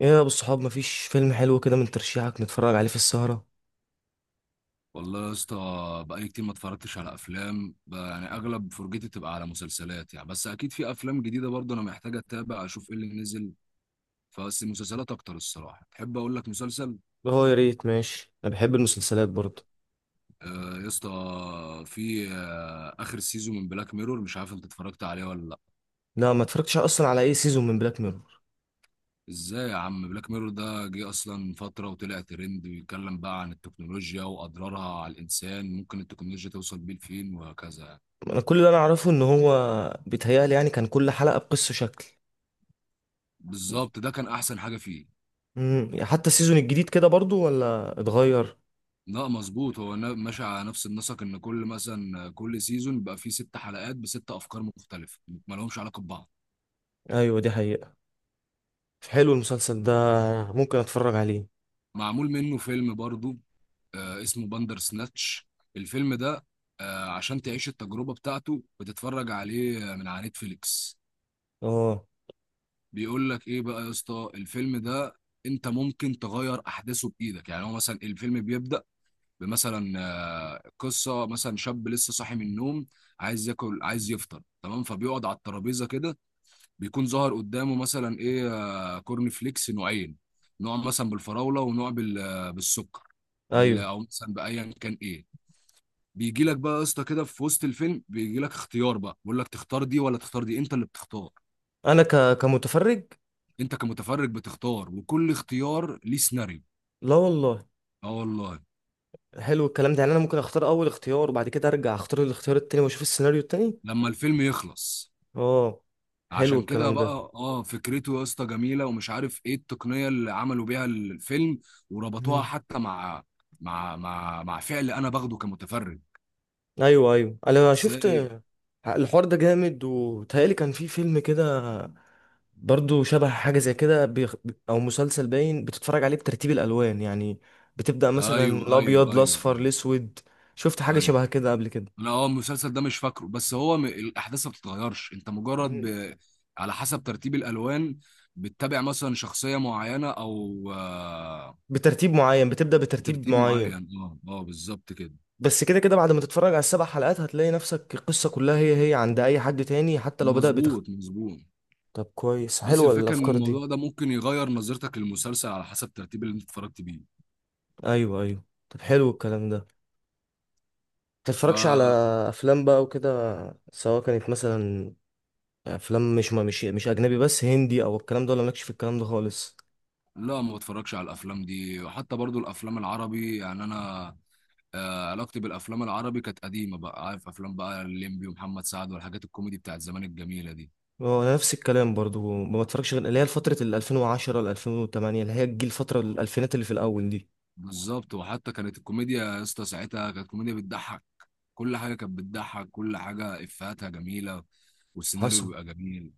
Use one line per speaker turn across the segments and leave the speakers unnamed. ايه يا ابو الصحاب؟ مفيش فيلم حلو كده من ترشيحك نتفرج عليه في السهرة؟
والله يا اسطى، بقالي كتير ما اتفرجتش على افلام بقى، يعني اغلب فرجتي بتبقى على مسلسلات يعني، بس اكيد في افلام جديده برضه انا محتاج اتابع اشوف ايه اللي نزل. فبس المسلسلات اكتر الصراحه، تحب اقول لك مسلسل؟
هو يا ريت، ماشي. انا بحب المسلسلات برضه.
آه يا اسطى، في اخر سيزون من بلاك ميرور، مش عارف انت اتفرجت عليه ولا لا.
لا، ما اتفرجتش اصلا على اي سيزون من بلاك ميرور.
ازاي يا عم؟ بلاك ميرور ده جه اصلا فتره وطلع ترند، بيتكلم بقى عن التكنولوجيا واضرارها على الانسان، ممكن التكنولوجيا توصل بيه لفين، وهكذا يعني.
انا كل اللي انا اعرفه ان هو بيتهيألي يعني كان كل حلقة بقصة شكل.
بالظبط، ده كان احسن حاجه فيه.
حتى السيزون الجديد كده برضه، ولا اتغير؟
لا مظبوط، هو ماشي على نفس النسق، ان كل مثلا كل سيزون بيبقى فيه ست حلقات بست افكار مختلفه، ما لهمش علاقه ببعض.
ايوه، دي حقيقة. حلو المسلسل ده، ممكن اتفرج عليه.
معمول منه فيلم برضو، آه اسمه باندر سناتش، الفيلم ده. آه عشان تعيش التجربه بتاعته بتتفرج عليه من على نتفليكس.
اه،
بيقول لك ايه بقى يا اسطى الفيلم ده، انت ممكن تغير احداثه بايدك. يعني هو مثلا الفيلم بيبدا بمثلا، قصه مثلا شاب لسه صاحي من النوم، عايز ياكل، عايز يفطر، تمام. فبيقعد على الترابيزه كده، بيكون ظهر قدامه مثلا ايه، كورن فليكس نوعين، نوع مثلا بالفراوله ونوع بالسكر، بال
ايوه.
او مثلا بايا كان ايه. بيجي لك بقى يا اسطى كده في وسط الفيلم، بيجي لك اختيار بقى، بيقول لك تختار دي ولا تختار دي، انت اللي بتختار.
انا كمتفرج.
انت كمتفرج بتختار، وكل اختيار ليه سيناريو.
لا والله.
اه والله.
حلو الكلام ده يعني، انا ممكن اختار اول اختيار وبعد كده ارجع اختار الاختيار التاني واشوف السيناريو التاني.
لما الفيلم يخلص.
اه، حلو
عشان كده
الكلام ده.
بقى اه، فكرته يا اسطى جميله، ومش عارف ايه التقنيه اللي عملوا بيها الفيلم وربطوها
مم.
حتى مع مع فعل انا باخده كمتفرج،
ايوه ايوه، انا شفت
ازاي.
الحوار ده جامد، وتهيألي كان في فيلم كده برضو شبه حاجة زي كده او مسلسل، باين بتتفرج عليه بترتيب الالوان يعني. بتبدأ مثلا من
ايوه، ايوه،
الابيض،
ايوه،
الاصفر،
ايوه،
الاسود. شفت حاجة
ايوه.
شبه كده قبل كده.
انا اه المسلسل ده مش فاكره، بس هو الاحداث ما بتتغيرش، انت مجرد
مم.
ب... على حسب ترتيب الالوان بتتابع مثلا شخصيه معينه، او
بترتيب معين، بتبدأ بترتيب
ترتيب
معين.
معين، اه اه بالظبط كده.
بس كده كده بعد ما تتفرج على السبع حلقات، هتلاقي نفسك القصة كلها هي هي عند اي حد تاني، حتى لو بدأ
مظبوط، مظبوط.
طب كويس،
بس
حلوة
الفكره ان
الافكار دي.
الموضوع ده ممكن يغير نظرتك للمسلسل على حسب الترتيب اللي انت اتفرجت بيه.
ايوه ايوه، طب حلو الكلام ده. متتفرجش على
فلا،
افلام بقى وكده، سواء كانت مثلا افلام مش، ما مش مش اجنبي بس، هندي او الكلام ده، ولا مالكش في الكلام ده خالص؟
ما بتفرجش على الافلام دي، وحتى برضو الافلام العربي، يعني انا علاقتي بالافلام العربي كانت قديمه بقى، عارف افلام بقى الليمبي ومحمد سعد والحاجات الكوميدي بتاعت زمان الجميله دي.
هو انا نفس الكلام برضو، ما بتفرجش غير اللي هي فتره ال 2010 ل 2008، اللي هي الجيل، الفتره الالفينات اللي في الاول دي.
بالظبط، وحتى كانت الكوميديا يا اسطى ساعتها كانت كوميديا بتضحك، كل حاجه كانت بتضحك، كل حاجه افهاتها جميله، والسيناريو
حصل،
بيبقى جميل.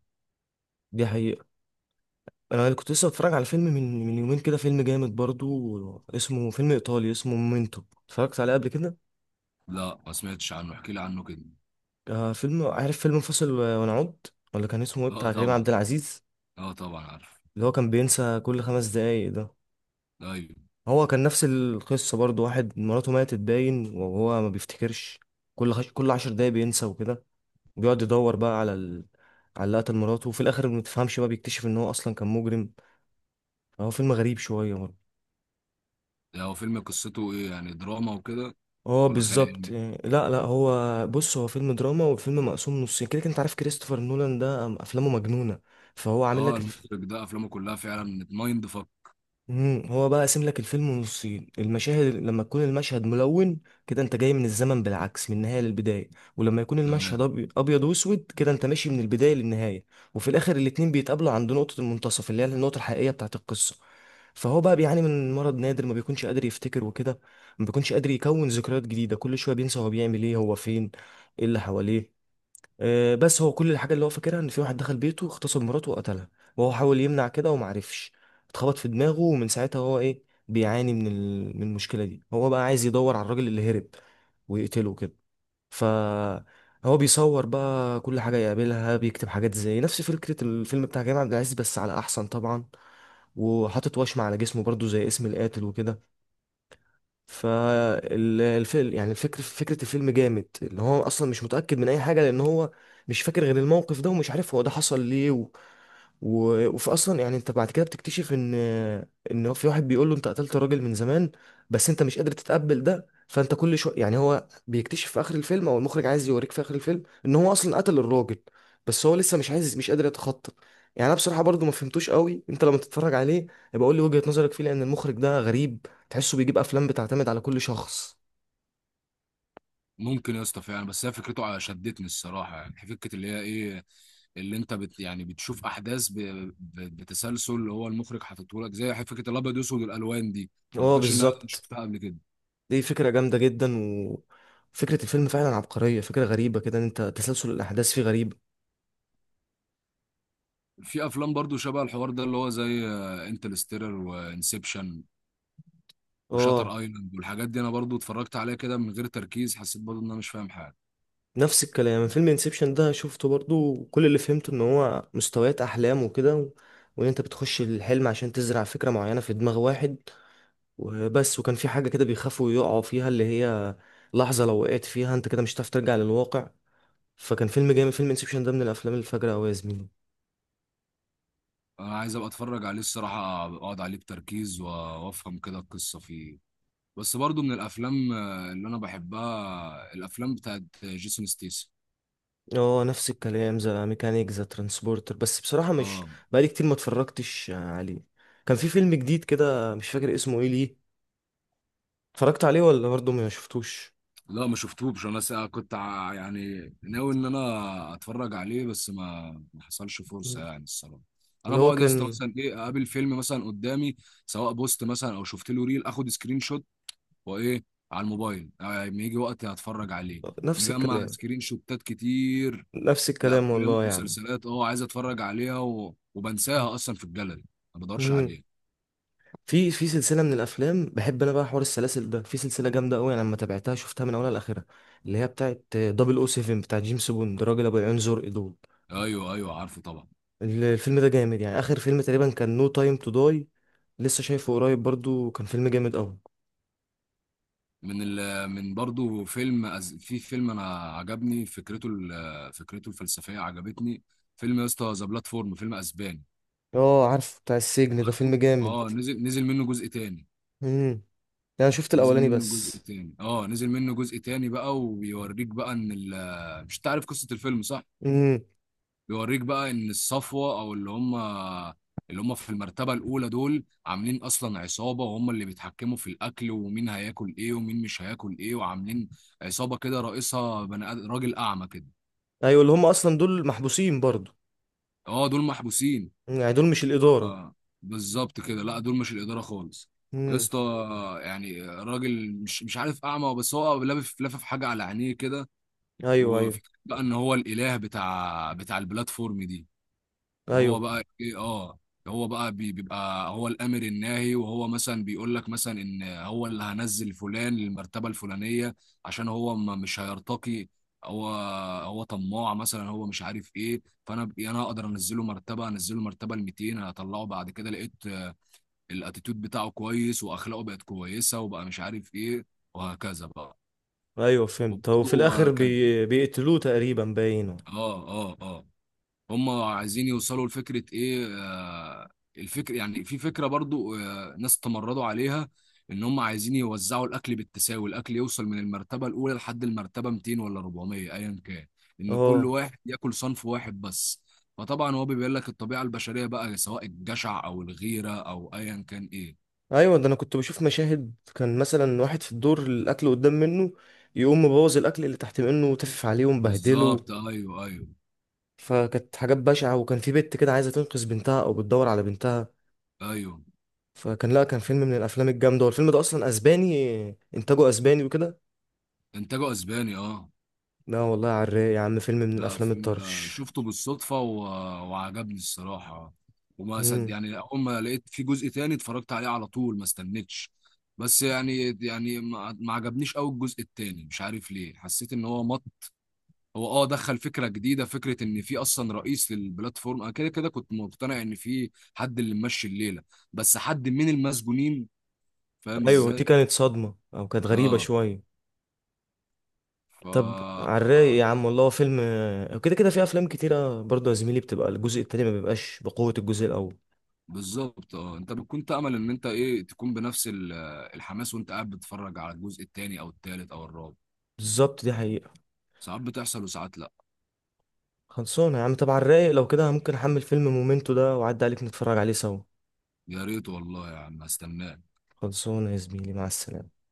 دي حقيقه. انا كنت لسه بتفرج على فيلم من يومين كده، فيلم جامد برضو اسمه، فيلم ايطالي اسمه مومنتو. اتفرجت عليه قبل كده؟
لا ما سمعتش عنه، احكي لي عنه كده.
فيلم، عارف فيلم فاصل ونعود؟ ولا كان اسمه ايه
اه
بتاع كريم عبد
طبعا،
العزيز،
اه طبعا عارف.
اللي هو كان بينسى كل خمس دقايق ده؟
ايوه.
هو كان نفس القصة برضو، واحد مراته ماتت، باين، وهو ما بيفتكرش. كل عشر دقايق بينسى وكده، وبيقعد يدور بقى على اللي قتل مراته، وفي الآخر ما تفهمش بقى، بيكتشف إن هو أصلا كان مجرم. هو فيلم غريب شوية برضه.
ده هو فيلم قصته ايه؟ يعني دراما وكده
اه
ولا خيال
بالظبط
علمي؟
يعني. لا لا، هو بص، هو فيلم دراما، وفيلم مقسوم نصين كده كده. انت عارف كريستوفر نولان ده؟ افلامه مجنونه. فهو عامل
اه
لك
المخرج ده افلامه كلها فعلا مايند فك.
امم، هو بقى قاسم لك الفيلم نصين المشاهد. لما تكون المشهد ملون كده، انت جاي من الزمن بالعكس، من النهايه للبدايه. ولما يكون المشهد
تمام.
ابيض واسود كده، انت ماشي من البدايه للنهايه. وفي الاخر الاتنين بيتقابلوا عند نقطه المنتصف، اللي هي النقطه الحقيقيه بتاعه القصه. فهو بقى بيعاني من مرض نادر، ما بيكونش قادر يفتكر وكده. ما بيكونش قادر يكون ذكريات جديده، كل شويه بينسى هو بيعمل ايه، هو فين، ايه اللي حواليه. بس هو كل الحاجة اللي هو فاكرها، ان في واحد دخل بيته، اغتصب مراته وقتلها، وهو حاول يمنع كده ومعرفش، اتخبط في دماغه، ومن ساعتها هو ايه، بيعاني من المشكلة دي. هو بقى عايز يدور على الراجل اللي هرب ويقتله كده. ف هو بيصور بقى كل حاجة يقابلها، بيكتب حاجات، زي نفس فكرة الفيلم بتاع كريم عبد العزيز بس على أحسن طبعا، وحاطط وشم على جسمه برضو زي اسم القاتل وكده. فالفيلم يعني، فكرة الفيلم جامد، اللي هو اصلا مش متأكد من اي حاجة، لان هو مش فاكر غير الموقف ده، ومش عارف هو ده حصل ليه وفي اصلا يعني، انت بعد كده بتكتشف ان هو في واحد بيقول له انت قتلت راجل من زمان، بس انت مش قادر تتقبل ده، فانت كل شويه يعني، هو بيكتشف في اخر الفيلم، او المخرج عايز يوريك في اخر الفيلم، ان هو اصلا قتل الراجل، بس هو لسه مش عايز، مش قادر يتخطى. يعني انا بصراحه برضو ما فهمتوش قوي. انت لما تتفرج عليه يبقى قول لي وجهه نظرك فيه، لان المخرج ده غريب، تحسه بيجيب افلام بتعتمد على كل شخص.
ممكن يا اسطى فعلا، بس هي فكرته شدتني الصراحه، يعني فكره اللي هي ايه، اللي انت بت يعني بتشوف احداث بتسلسل اللي هو المخرج حاططه لك، زي فكره الابيض واسود والالوان دي، ما
اه
اعتقدش ان انا
بالظبط.
شفتها قبل كده.
دي فكرة جامدة جدا، وفكرة الفيلم فعلا عبقرية. فكرة غريبة كده، ان انت تسلسل الاحداث فيه غريب.
في افلام برضو شبه الحوار ده، اللي هو زي انترستيلر وانسبشن
اه،
وشاتر ايلاند والحاجات دي، انا برضو اتفرجت عليها كده من غير تركيز، حسيت برضو ان انا مش فاهم حاجه.
نفس الكلام. فيلم انسبشن ده شفته برضو، وكل اللي فهمته ان هو مستويات احلام وكده وان انت بتخش الحلم عشان تزرع فكرة معينة في دماغ واحد وبس. وكان في حاجة كده بيخافوا يقعوا فيها، اللي هي لحظة لو وقعت فيها انت كده، مش هتعرف ترجع للواقع. فكان فيلم جامد، فيلم انسبشن ده من الافلام الفجرة اوي يا زميلي.
انا عايز ابقى اتفرج عليه الصراحه، اقعد عليه بتركيز وافهم كده القصه فيه. بس برضو من الافلام اللي انا بحبها، الافلام بتاعت جيسون ستيس.
هو نفس الكلام، زي ميكانيك، زي ترانسبورتر، بس بصراحة مش،
اه.
بقالي كتير ما اتفرجتش عليه. كان في فيلم جديد كده مش فاكر اسمه ايه ليه. اتفرجت عليه ولا برضه ما شفتوش؟
لا ما شفتوش، انا يعني ناوي ان انا اتفرج عليه، بس ما حصلش فرصه يعني الصراحه. انا
اللي هو
بقعد يا اسطى
كان،
مثلا ايه، اقابل فيلم مثلا قدامي، سواء بوست مثلا او شفت له ريل، اخد سكرين شوت وايه على الموبايل، لما يجي وقت هتفرج عليه.
نفس
مجمع
الكلام.
سكرين شوتات كتير
نفس الكلام
لافلام
والله يا عم.
ومسلسلات، اه عايز اتفرج عليها، و... وبنساها اصلا في الجاليري، ما بدورش
مم.
عليها.
في سلسلة من الافلام بحب، انا بقى حوار السلاسل ده. في سلسلة جامدة قوي انا لما تابعتها، شفتها من اولها لاخرها، اللي هي بتاعت 007 بتاع جيمس بوند، راجل ابو العيون زرق دول.
ايوه ايوه عارفه طبعا.
الفيلم ده جامد يعني. اخر فيلم تقريبا كان نو تايم تو داي، لسه شايفه قريب برضو، كان فيلم جامد قوي.
من ال من برضو فيلم في فيلم انا عجبني فكرته، فكرته الفلسفيه عجبتني. فيلم يا اسطى ذا بلاتفورم، فيلم اسباني.
اه عارف، بتاع السجن ده،
عارفه.
فيلم
اه
جامد.
نزل، نزل منه جزء تاني
امم، انا شفت
نزل
الاولاني
منه جزء
بس.
تاني اه نزل منه جزء تاني بقى، وبيوريك بقى ان مش تعرف قصه الفيلم صح؟
امم،
بيوريك بقى ان الصفوه، او اللي هم اللي هم في المرتبه الاولى دول، عاملين اصلا عصابه، وهم اللي بيتحكموا في الاكل ومين هياكل ايه ومين مش هياكل ايه، وعاملين عصابه كده رئيسها بني راجل اعمى كده.
ايوه، اللي هم اصلا دول محبوسين برضو.
اه دول محبوسين.
مم. يعني دول مش الاداره.
اه بالظبط كده، لا دول مش الاداره خالص يا
امم.
اسطى، يعني راجل مش مش عارف اعمى، بس هو لافف حاجه على عينيه كده.
ايوه ايوه
وفكرة بقى ان هو الاله بتاع البلاتفورم دي، وهو
ايوه
بقى ايه، اه هو بقى بيبقى هو الامر الناهي، وهو مثلا بيقول لك مثلا ان هو اللي هنزل فلان للمرتبه الفلانيه عشان هو ما مش هيرتقي، هو هو طماع مثلا، هو مش عارف ايه، يعني انا اقدر انزله مرتبه، انزله مرتبه ال 200، هطلعه بعد كده لقيت الاتيتيود بتاعه كويس واخلاقه بقت كويسه وبقى مش عارف ايه، وهكذا بقى.
ايوه، فهمت. هو
وبرضه
في الاخر
آه، كان،
بيقتلوه تقريبا باينه.
اه اه اه هم عايزين يوصلوا لفكرة ايه، الفكر يعني، في فكرة برضو ناس تمردوا عليها، ان هم عايزين يوزعوا الاكل بالتساوي، الاكل يوصل من المرتبة الاولى لحد المرتبة 200 ولا 400 ايا كان، ان كل
اه
واحد ياكل صنف واحد بس. فطبعا هو بيبين لك الطبيعة البشرية بقى، سواء الجشع او الغيرة او ايا كان ايه.
ايوه. ده انا كنت بشوف مشاهد، كان مثلا واحد في الدور، الاكل قدام منه، يقوم مبوظ الاكل اللي تحت منه وتفف عليه ومبهدله.
بالظبط، ايوه، ايوه،
فكانت حاجات بشعة. وكان في بنت كده عايزة تنقذ بنتها أو بتدور على بنتها.
ايوه.
فكان، لا كان فيلم من الأفلام الجامدة، والفيلم ده أصلا أسباني، إنتاجه أسباني وكده.
انتاجه اسباني اه.
لا والله، على الرايق يا عم، فيلم من
لا
الأفلام
فيلم
الطرش.
شفته بالصدفة و... وعجبني الصراحة، وما صد،
مم.
يعني أول ما لقيت في جزء تاني اتفرجت عليه على طول، ما استنيتش. بس يعني يعني ما عجبنيش قوي الجزء التاني، مش عارف ليه، حسيت ان هو مط، هو اه دخل فكرة جديدة، فكرة ان في اصلا رئيس للبلاتفورم، انا كده كده كنت مقتنع ان في حد اللي ممشي الليلة بس حد من المسجونين، فاهم
أيوة، دي
ازاي.
كانت صدمة، أو كانت غريبة
اه.
شوية. طب
ف.
على الرايق يا عم. والله هو فيلم، كده كده في أفلام كتيرة برضه يا زميلي بتبقى الجزء التاني ما بيبقاش بقوة الجزء الأول.
بالظبط، اه انت بتكون تأمل ان انت ايه، تكون بنفس الحماس وانت قاعد بتتفرج على الجزء التاني او التالت او الرابع.
بالظبط، دي حقيقة.
ساعات بتحصل وساعات لا.
خلصانة يا عم. طب على الرايق، لو كده ممكن أحمل فيلم مومنتو ده وأعدي عليك نتفرج عليه سوا.
يا ريت والله يا عم، استناك.
خلصانة يا زميلي، مع السلامة.